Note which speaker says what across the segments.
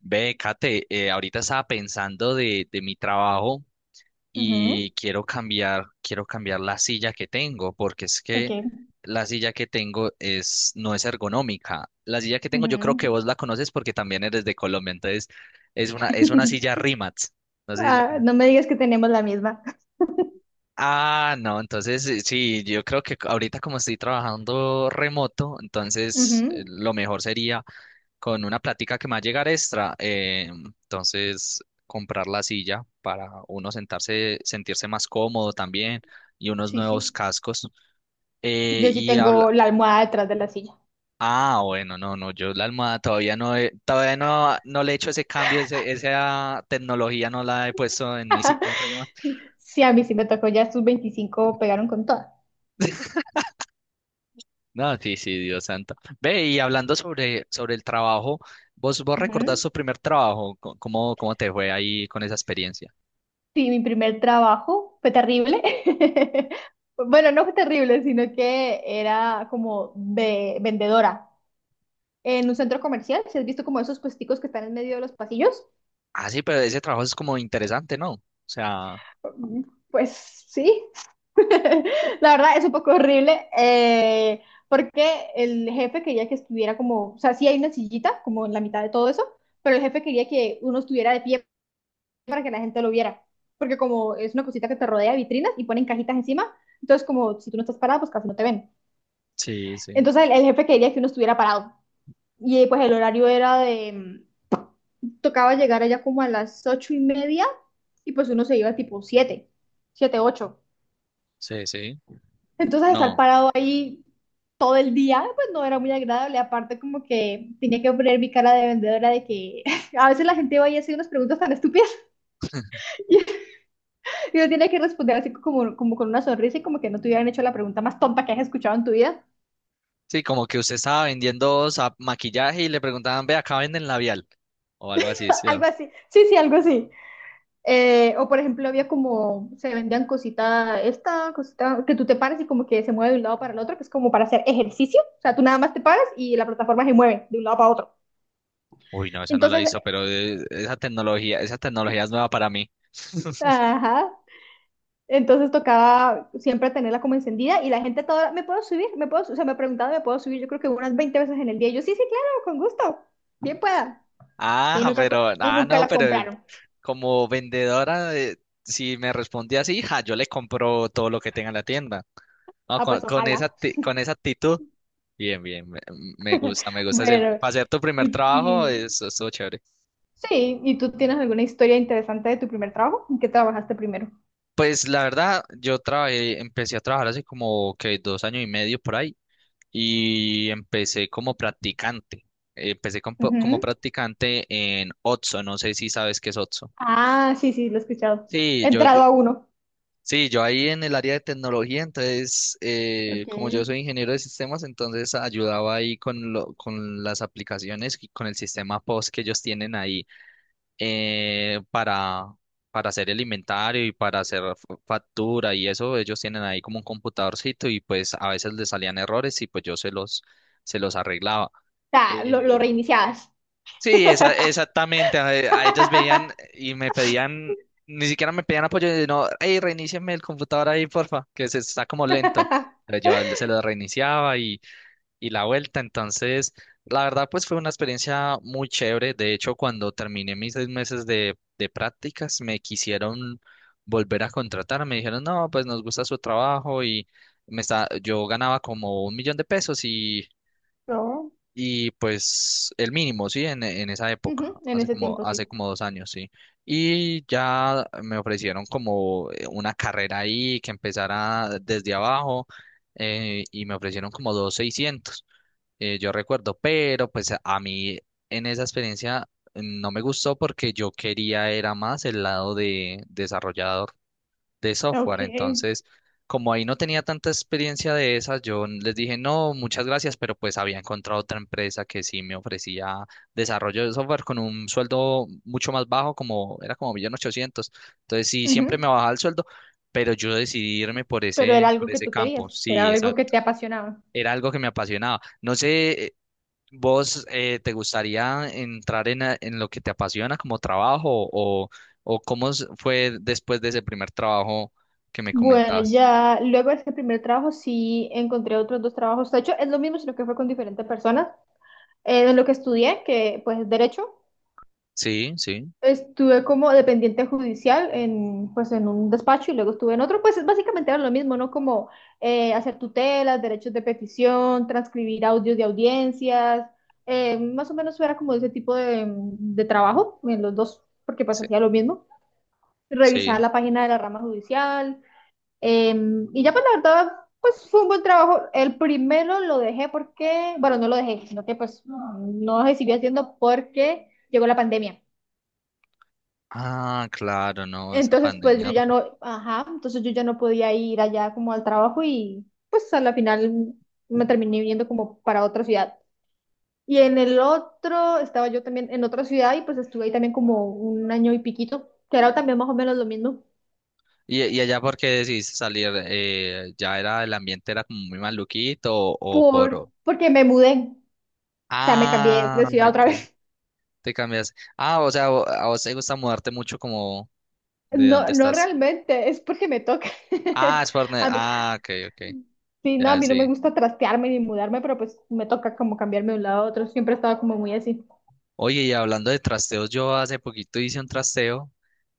Speaker 1: Ve, Kate, ahorita estaba pensando de mi trabajo
Speaker 2: Ujú,
Speaker 1: y quiero cambiar la silla que tengo, porque es
Speaker 2: ok.
Speaker 1: que la silla que tengo no es ergonómica. La silla que tengo, yo creo que
Speaker 2: Ujú.
Speaker 1: vos la conoces porque también eres de Colombia, entonces es una silla Rimax. No sé si la
Speaker 2: Ah,
Speaker 1: conoces.
Speaker 2: no me digas que tenemos la misma.
Speaker 1: Ah, no, entonces sí, yo creo que ahorita como estoy trabajando remoto, entonces
Speaker 2: Ujú.
Speaker 1: lo mejor sería con una plática que me va a llegar extra. Entonces, comprar la silla para uno sentarse, sentirse más cómodo también y unos
Speaker 2: Sí,
Speaker 1: nuevos
Speaker 2: sí.
Speaker 1: cascos.
Speaker 2: Yo sí
Speaker 1: Y habla.
Speaker 2: tengo la almohada detrás de la silla.
Speaker 1: Ah, bueno, no, no, yo la almohada todavía no, no le he hecho ese cambio, esa tecnología no la he puesto en mi silla arriba.
Speaker 2: Sí, a mí sí me tocó, ya sus 25 pegaron con toda.
Speaker 1: No, sí, sí, Dios santo. Ve, y hablando sobre el trabajo, ¿vos recordás
Speaker 2: Ujú.
Speaker 1: tu primer trabajo? ¿Cómo te fue ahí con esa experiencia?
Speaker 2: Sí, mi primer trabajo fue terrible. Bueno, no fue terrible, sino que era como de vendedora en un centro comercial. ¿Si has visto como esos puesticos que están en medio de los pasillos?
Speaker 1: Ah, sí, pero ese trabajo es como interesante, ¿no? O sea,
Speaker 2: Mm, Pues sí, la verdad es un poco horrible, porque el jefe quería que estuviera como, o sea, sí hay una sillita como en la mitad de todo eso, pero el jefe quería que uno estuviera de pie para que la gente lo viera, porque como es una cosita que te rodea de vitrinas y ponen cajitas encima, entonces como si tú no estás parado, pues casi no te ven.
Speaker 1: sí, sí,
Speaker 2: Entonces el jefe quería que uno estuviera parado y pues el horario era de, tocaba llegar allá como a las 8:30 y pues uno se iba tipo siete, siete, ocho.
Speaker 1: sí, sí.
Speaker 2: Entonces estar
Speaker 1: No.
Speaker 2: parado ahí todo el día, pues no era muy agradable. Aparte, como que tenía que poner mi cara de vendedora de que a veces la gente va y hace unas preguntas tan estúpidas y yo tenía que responder así como, como con una sonrisa y como que no te hubieran hecho la pregunta más tonta que has escuchado en tu vida.
Speaker 1: Sí, como que usted estaba vendiendo maquillaje y le preguntaban, ve, ¿acá venden labial? ¿O algo así? ¿Sí?
Speaker 2: Algo
Speaker 1: ¿No?
Speaker 2: así. Sí, sí, algo así. O por ejemplo, había como se vendían cosita, esta cosita que tú te paras y como que se mueve de un lado para el otro, que es como para hacer ejercicio. O sea, tú nada más te paras y la plataforma se mueve de un lado para otro.
Speaker 1: Uy, no, esa no la
Speaker 2: Entonces,
Speaker 1: hizo, pero esa tecnología es nueva para mí.
Speaker 2: ajá, entonces tocaba siempre tenerla como encendida y la gente toda, ¿me puedo subir? ¿Me puedo? O sea, me preguntaban, ¿me puedo subir? Yo creo que unas 20 veces en el día. Y yo, sí, sí, claro, con gusto, bien pueda. Y
Speaker 1: Ah,
Speaker 2: nunca,
Speaker 1: pero,
Speaker 2: y
Speaker 1: ah,
Speaker 2: nunca
Speaker 1: no,
Speaker 2: la
Speaker 1: pero
Speaker 2: compraron.
Speaker 1: como vendedora, si me respondía así, ja, yo le compro todo lo que tenga en la tienda. No,
Speaker 2: Ah,
Speaker 1: con,
Speaker 2: pues
Speaker 1: con esa,
Speaker 2: ojalá.
Speaker 1: acti- con esa actitud. Bien, bien, me gusta.
Speaker 2: Bueno,
Speaker 1: Para hacer tu
Speaker 2: y,
Speaker 1: primer trabajo,
Speaker 2: y
Speaker 1: eso estuvo chévere.
Speaker 2: sí, ¿y tú tienes alguna historia interesante de tu primer trabajo? ¿En qué trabajaste primero?
Speaker 1: Pues la verdad, empecé a trabajar hace como que 2 años y medio por ahí y empecé como practicante. Empecé como
Speaker 2: Ujú.
Speaker 1: practicante en Otso, no sé si sabes qué es Otso.
Speaker 2: Ah, sí, sí, lo he escuchado.
Speaker 1: Sí,
Speaker 2: He entrado a uno.
Speaker 1: yo ahí en el área de tecnología, entonces,
Speaker 2: Ok.
Speaker 1: como yo
Speaker 2: O
Speaker 1: soy ingeniero de sistemas, entonces ayudaba ahí con las aplicaciones y con el sistema POS que ellos tienen ahí eh, para, para hacer el inventario y para hacer factura y eso, ellos tienen ahí como un computadorcito y pues a veces les salían errores y pues se los arreglaba.
Speaker 2: sea, lo
Speaker 1: Eh,
Speaker 2: reiniciabas.
Speaker 1: sí, exactamente. A ellas veían y me pedían, ni siquiera me pedían apoyo, no, hey, reinícieme el computador ahí, porfa, que se está como lento. Entonces yo se lo reiniciaba y la vuelta. Entonces, la verdad, pues fue una experiencia muy chévere. De hecho, cuando terminé mis 6 meses de prácticas, me quisieron volver a contratar. Me dijeron, no, pues nos gusta su trabajo y yo ganaba como 1 millón de pesos
Speaker 2: No.
Speaker 1: y pues el mínimo, sí, en esa época,
Speaker 2: Ujú, en ese tiempo
Speaker 1: hace
Speaker 2: sí.
Speaker 1: como 2 años, sí. Y ya me ofrecieron como una carrera ahí que empezara desde abajo, y me ofrecieron como 2.600.000, yo recuerdo, pero pues a mí en esa experiencia no me gustó porque yo quería era más el lado de desarrollador de software,
Speaker 2: Ok.
Speaker 1: entonces como ahí no tenía tanta experiencia de esas, yo les dije no, muchas gracias, pero pues había encontrado otra empresa que sí me ofrecía desarrollo de software con un sueldo mucho más bajo, como era como 1.800.000, entonces sí, siempre me
Speaker 2: Ujú.
Speaker 1: bajaba el sueldo, pero yo decidí irme por
Speaker 2: Pero era
Speaker 1: ese, por
Speaker 2: algo que
Speaker 1: ese
Speaker 2: tú querías,
Speaker 1: campo,
Speaker 2: era
Speaker 1: sí, esa,
Speaker 2: algo que te apasionaba.
Speaker 1: era algo que me apasionaba. No sé, ¿vos te gustaría entrar en lo que te apasiona como trabajo, o cómo fue después de ese primer trabajo que me
Speaker 2: Bueno,
Speaker 1: comentabas?
Speaker 2: ya luego de este primer trabajo sí encontré otros dos trabajos. De hecho, es lo mismo, sino que fue con diferentes personas. De lo que estudié, que pues es derecho,
Speaker 1: Sí, sí,
Speaker 2: estuve como dependiente judicial en, pues, en un despacho y luego estuve en otro, pues es básicamente era lo mismo, ¿no? Como hacer tutelas, derechos de petición, transcribir audios de audiencias, más o menos era como ese tipo de trabajo en los dos, porque pues
Speaker 1: sí,
Speaker 2: hacía lo mismo, revisar
Speaker 1: sí.
Speaker 2: la página de la rama judicial, eh, y ya pues la verdad, pues fue un buen trabajo. El primero lo dejé porque, bueno, no lo dejé, sino que pues no lo seguí haciendo porque llegó la pandemia.
Speaker 1: Ah, claro, no, esa
Speaker 2: Entonces, pues
Speaker 1: pandemia.
Speaker 2: yo ya no, ajá, entonces yo ya no podía ir allá como al trabajo y pues a la final me terminé viniendo como para otra ciudad. Y en el otro, estaba yo también en otra ciudad y pues estuve ahí también como un año y piquito, que era también más o menos lo mismo,
Speaker 1: Y allá por qué decidiste salir? ¿Ya era el ambiente era como muy maluquito, o por?
Speaker 2: porque me mudé, o sea, me cambié
Speaker 1: Ah,
Speaker 2: de ciudad otra
Speaker 1: ok,
Speaker 2: vez.
Speaker 1: te cambias. Ah, o sea, a vos te gusta mudarte mucho como de
Speaker 2: No,
Speaker 1: dónde
Speaker 2: no
Speaker 1: estás.
Speaker 2: realmente, es porque me toca.
Speaker 1: Ah, es por.
Speaker 2: A mí-
Speaker 1: Ah, ok, ok,
Speaker 2: sí, no, a
Speaker 1: ya
Speaker 2: mí no me
Speaker 1: sí.
Speaker 2: gusta trastearme ni mudarme, pero pues me toca como cambiarme de un lado a otro, siempre estaba como muy así.
Speaker 1: Oye, y hablando de trasteos, yo hace poquito hice un trasteo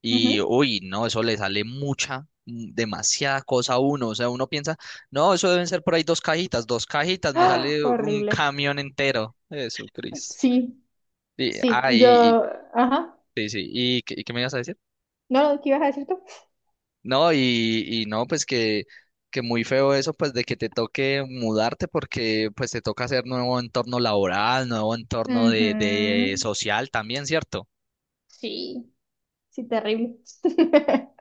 Speaker 1: y,
Speaker 2: Ujú.
Speaker 1: uy, no, eso le sale mucha, demasiada cosa a uno. O sea, uno piensa, no, eso deben ser por ahí dos cajitas, me sale un
Speaker 2: Horrible.
Speaker 1: camión entero. Eso, Cris.
Speaker 2: Sí,
Speaker 1: Y,
Speaker 2: sí,
Speaker 1: ah,
Speaker 2: yo,
Speaker 1: y, y-
Speaker 2: ajá,
Speaker 1: sí, sí, qué me ibas a decir?
Speaker 2: no, no, ¿qué ibas a decir tú?
Speaker 1: No, y no, pues que muy feo eso, pues de que te toque mudarte porque pues te toca hacer nuevo entorno laboral, nuevo entorno de
Speaker 2: Ujú.
Speaker 1: social también, ¿cierto?
Speaker 2: Sí, sí, terrible.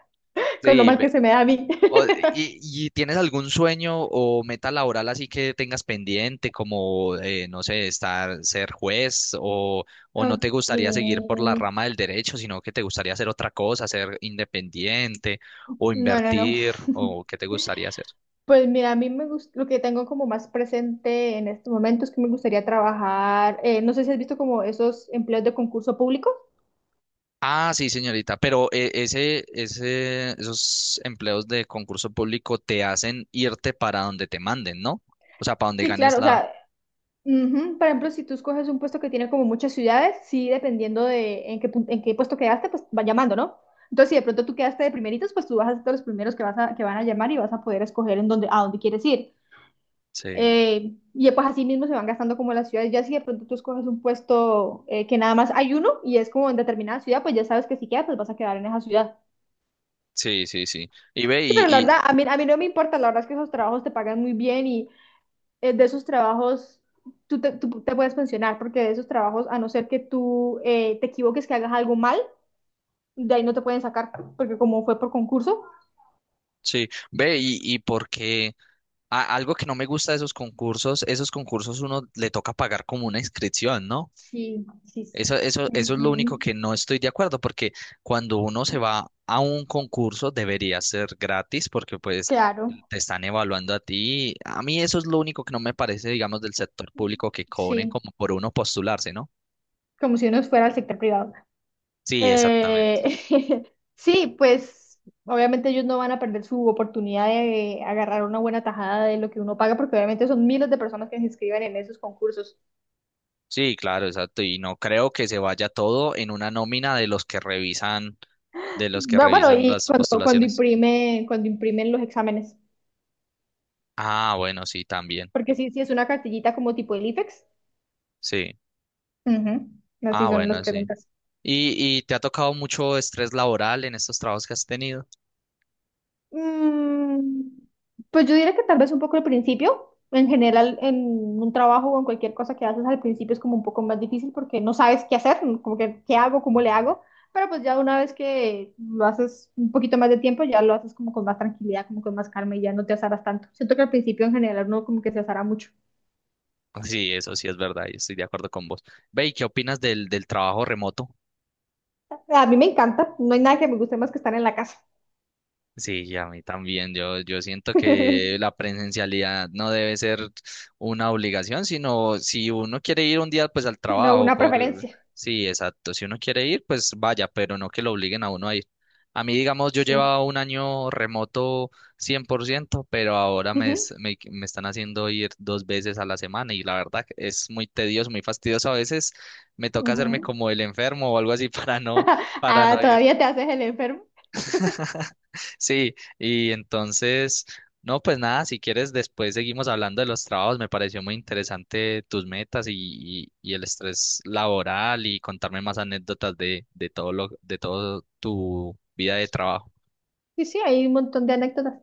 Speaker 2: Con lo
Speaker 1: Sí,
Speaker 2: mal que se me da a mí.
Speaker 1: Y tienes algún sueño o meta laboral así que tengas pendiente, como, no sé, estar, ser juez, o no te
Speaker 2: Ok.
Speaker 1: gustaría seguir por la rama del derecho, sino que te gustaría hacer otra cosa, ser independiente o
Speaker 2: No, no, no.
Speaker 1: invertir o qué te gustaría hacer?
Speaker 2: Pues mira, a mí me gusta, lo que tengo como más presente en este momento es que me gustaría trabajar, no sé si has visto como esos empleos de concurso público.
Speaker 1: Ah, sí, señorita, pero esos empleos de concurso público te hacen irte para donde te manden, ¿no? O sea, para donde
Speaker 2: Sí,
Speaker 1: ganes
Speaker 2: claro, o
Speaker 1: la.
Speaker 2: sea, ujú. Por ejemplo, si tú escoges un puesto que tiene como muchas ciudades, sí, dependiendo de en qué, en qué puesto quedaste, pues va llamando, ¿no? Entonces, si de pronto tú quedaste de primeritos, pues tú vas a ser de los primeros que, que van a llamar y vas a poder escoger en dónde, a dónde quieres ir.
Speaker 1: Sí,
Speaker 2: Y pues así mismo se van gastando como las ciudades. Ya si de pronto tú escoges un puesto que nada más hay uno y es como en determinada ciudad, pues ya sabes que si quedas, pues vas a quedar en esa ciudad.
Speaker 1: sí, sí, sí. Y ve,
Speaker 2: Sí, pero la verdad, a mí no me importa, la verdad es que esos trabajos te pagan muy bien y de esos trabajos, tú te puedes pensionar, porque de esos trabajos, a no ser que tú te equivoques, que hagas algo mal, de ahí no te pueden sacar, porque como fue por concurso.
Speaker 1: sí, ve, y porque algo que no me gusta de esos concursos uno le toca pagar como una inscripción, ¿no?
Speaker 2: Sí, sí. Sí.
Speaker 1: Eso es lo único
Speaker 2: Ujú.
Speaker 1: que no estoy de acuerdo, porque cuando uno se va a un concurso debería ser gratis, porque pues
Speaker 2: Claro,
Speaker 1: te están evaluando a ti. A mí eso es lo único que no me parece, digamos, del sector público, que cobren
Speaker 2: sí,
Speaker 1: como por uno postularse, ¿no?
Speaker 2: como si uno fuera al sector privado.
Speaker 1: Sí, exactamente.
Speaker 2: Eh, sí, pues obviamente ellos no van a perder su oportunidad de agarrar una buena tajada de lo que uno paga, porque obviamente son miles de personas que se inscriben en esos concursos.
Speaker 1: Sí, claro, exacto. Y no creo que se vaya todo en una nómina de los que
Speaker 2: Bueno,
Speaker 1: revisan,
Speaker 2: y
Speaker 1: las
Speaker 2: cuando,
Speaker 1: postulaciones.
Speaker 2: cuando imprimen los exámenes.
Speaker 1: Ah, bueno, sí, también.
Speaker 2: Porque sí, sí es una cartillita como tipo el IFEX.
Speaker 1: Sí.
Speaker 2: Ujú. Así
Speaker 1: Ah,
Speaker 2: son las
Speaker 1: bueno, sí.
Speaker 2: preguntas.
Speaker 1: Y te ha tocado mucho estrés laboral en estos trabajos que has tenido?
Speaker 2: Mm, pues yo diría que tal vez un poco al principio. En general, en un trabajo o en cualquier cosa que haces al principio es como un poco más difícil porque no sabes qué hacer, como que qué hago, cómo le hago. Pero pues ya una vez que lo haces un poquito más de tiempo, ya lo haces como con más tranquilidad, como con más calma y ya no te azaras tanto. Siento que al principio en general uno como que se azara mucho.
Speaker 1: Sí, eso sí es verdad, y estoy de acuerdo con vos. Ve, ¿y qué opinas del trabajo remoto?
Speaker 2: A mí me encanta, no hay nada que me guste más que estar en la casa,
Speaker 1: Sí, y a mí también. Yo siento que la presencialidad no debe ser una obligación, sino si uno quiere ir un día, pues al
Speaker 2: sino
Speaker 1: trabajo,
Speaker 2: una
Speaker 1: por.
Speaker 2: preferencia.
Speaker 1: Sí, exacto. Si uno quiere ir, pues vaya, pero no que lo obliguen a uno a ir. A mí, digamos, yo
Speaker 2: Sí.
Speaker 1: llevaba un año remoto 100%, pero ahora me,
Speaker 2: Ujú,
Speaker 1: es- me, me están haciendo ir 2 veces a la semana y la verdad que es muy tedioso, muy fastidioso. A veces me toca hacerme
Speaker 2: ujú.
Speaker 1: como el enfermo o algo así para
Speaker 2: Ah,
Speaker 1: no ir.
Speaker 2: todavía te haces el enfermo.
Speaker 1: Sí, y entonces, no, pues nada, si quieres, después seguimos hablando de los trabajos. Me pareció muy interesante tus metas y, y el estrés laboral y contarme más anécdotas de todo tu vida de trabajo.
Speaker 2: Sí, sí, hay un montón de anécdotas.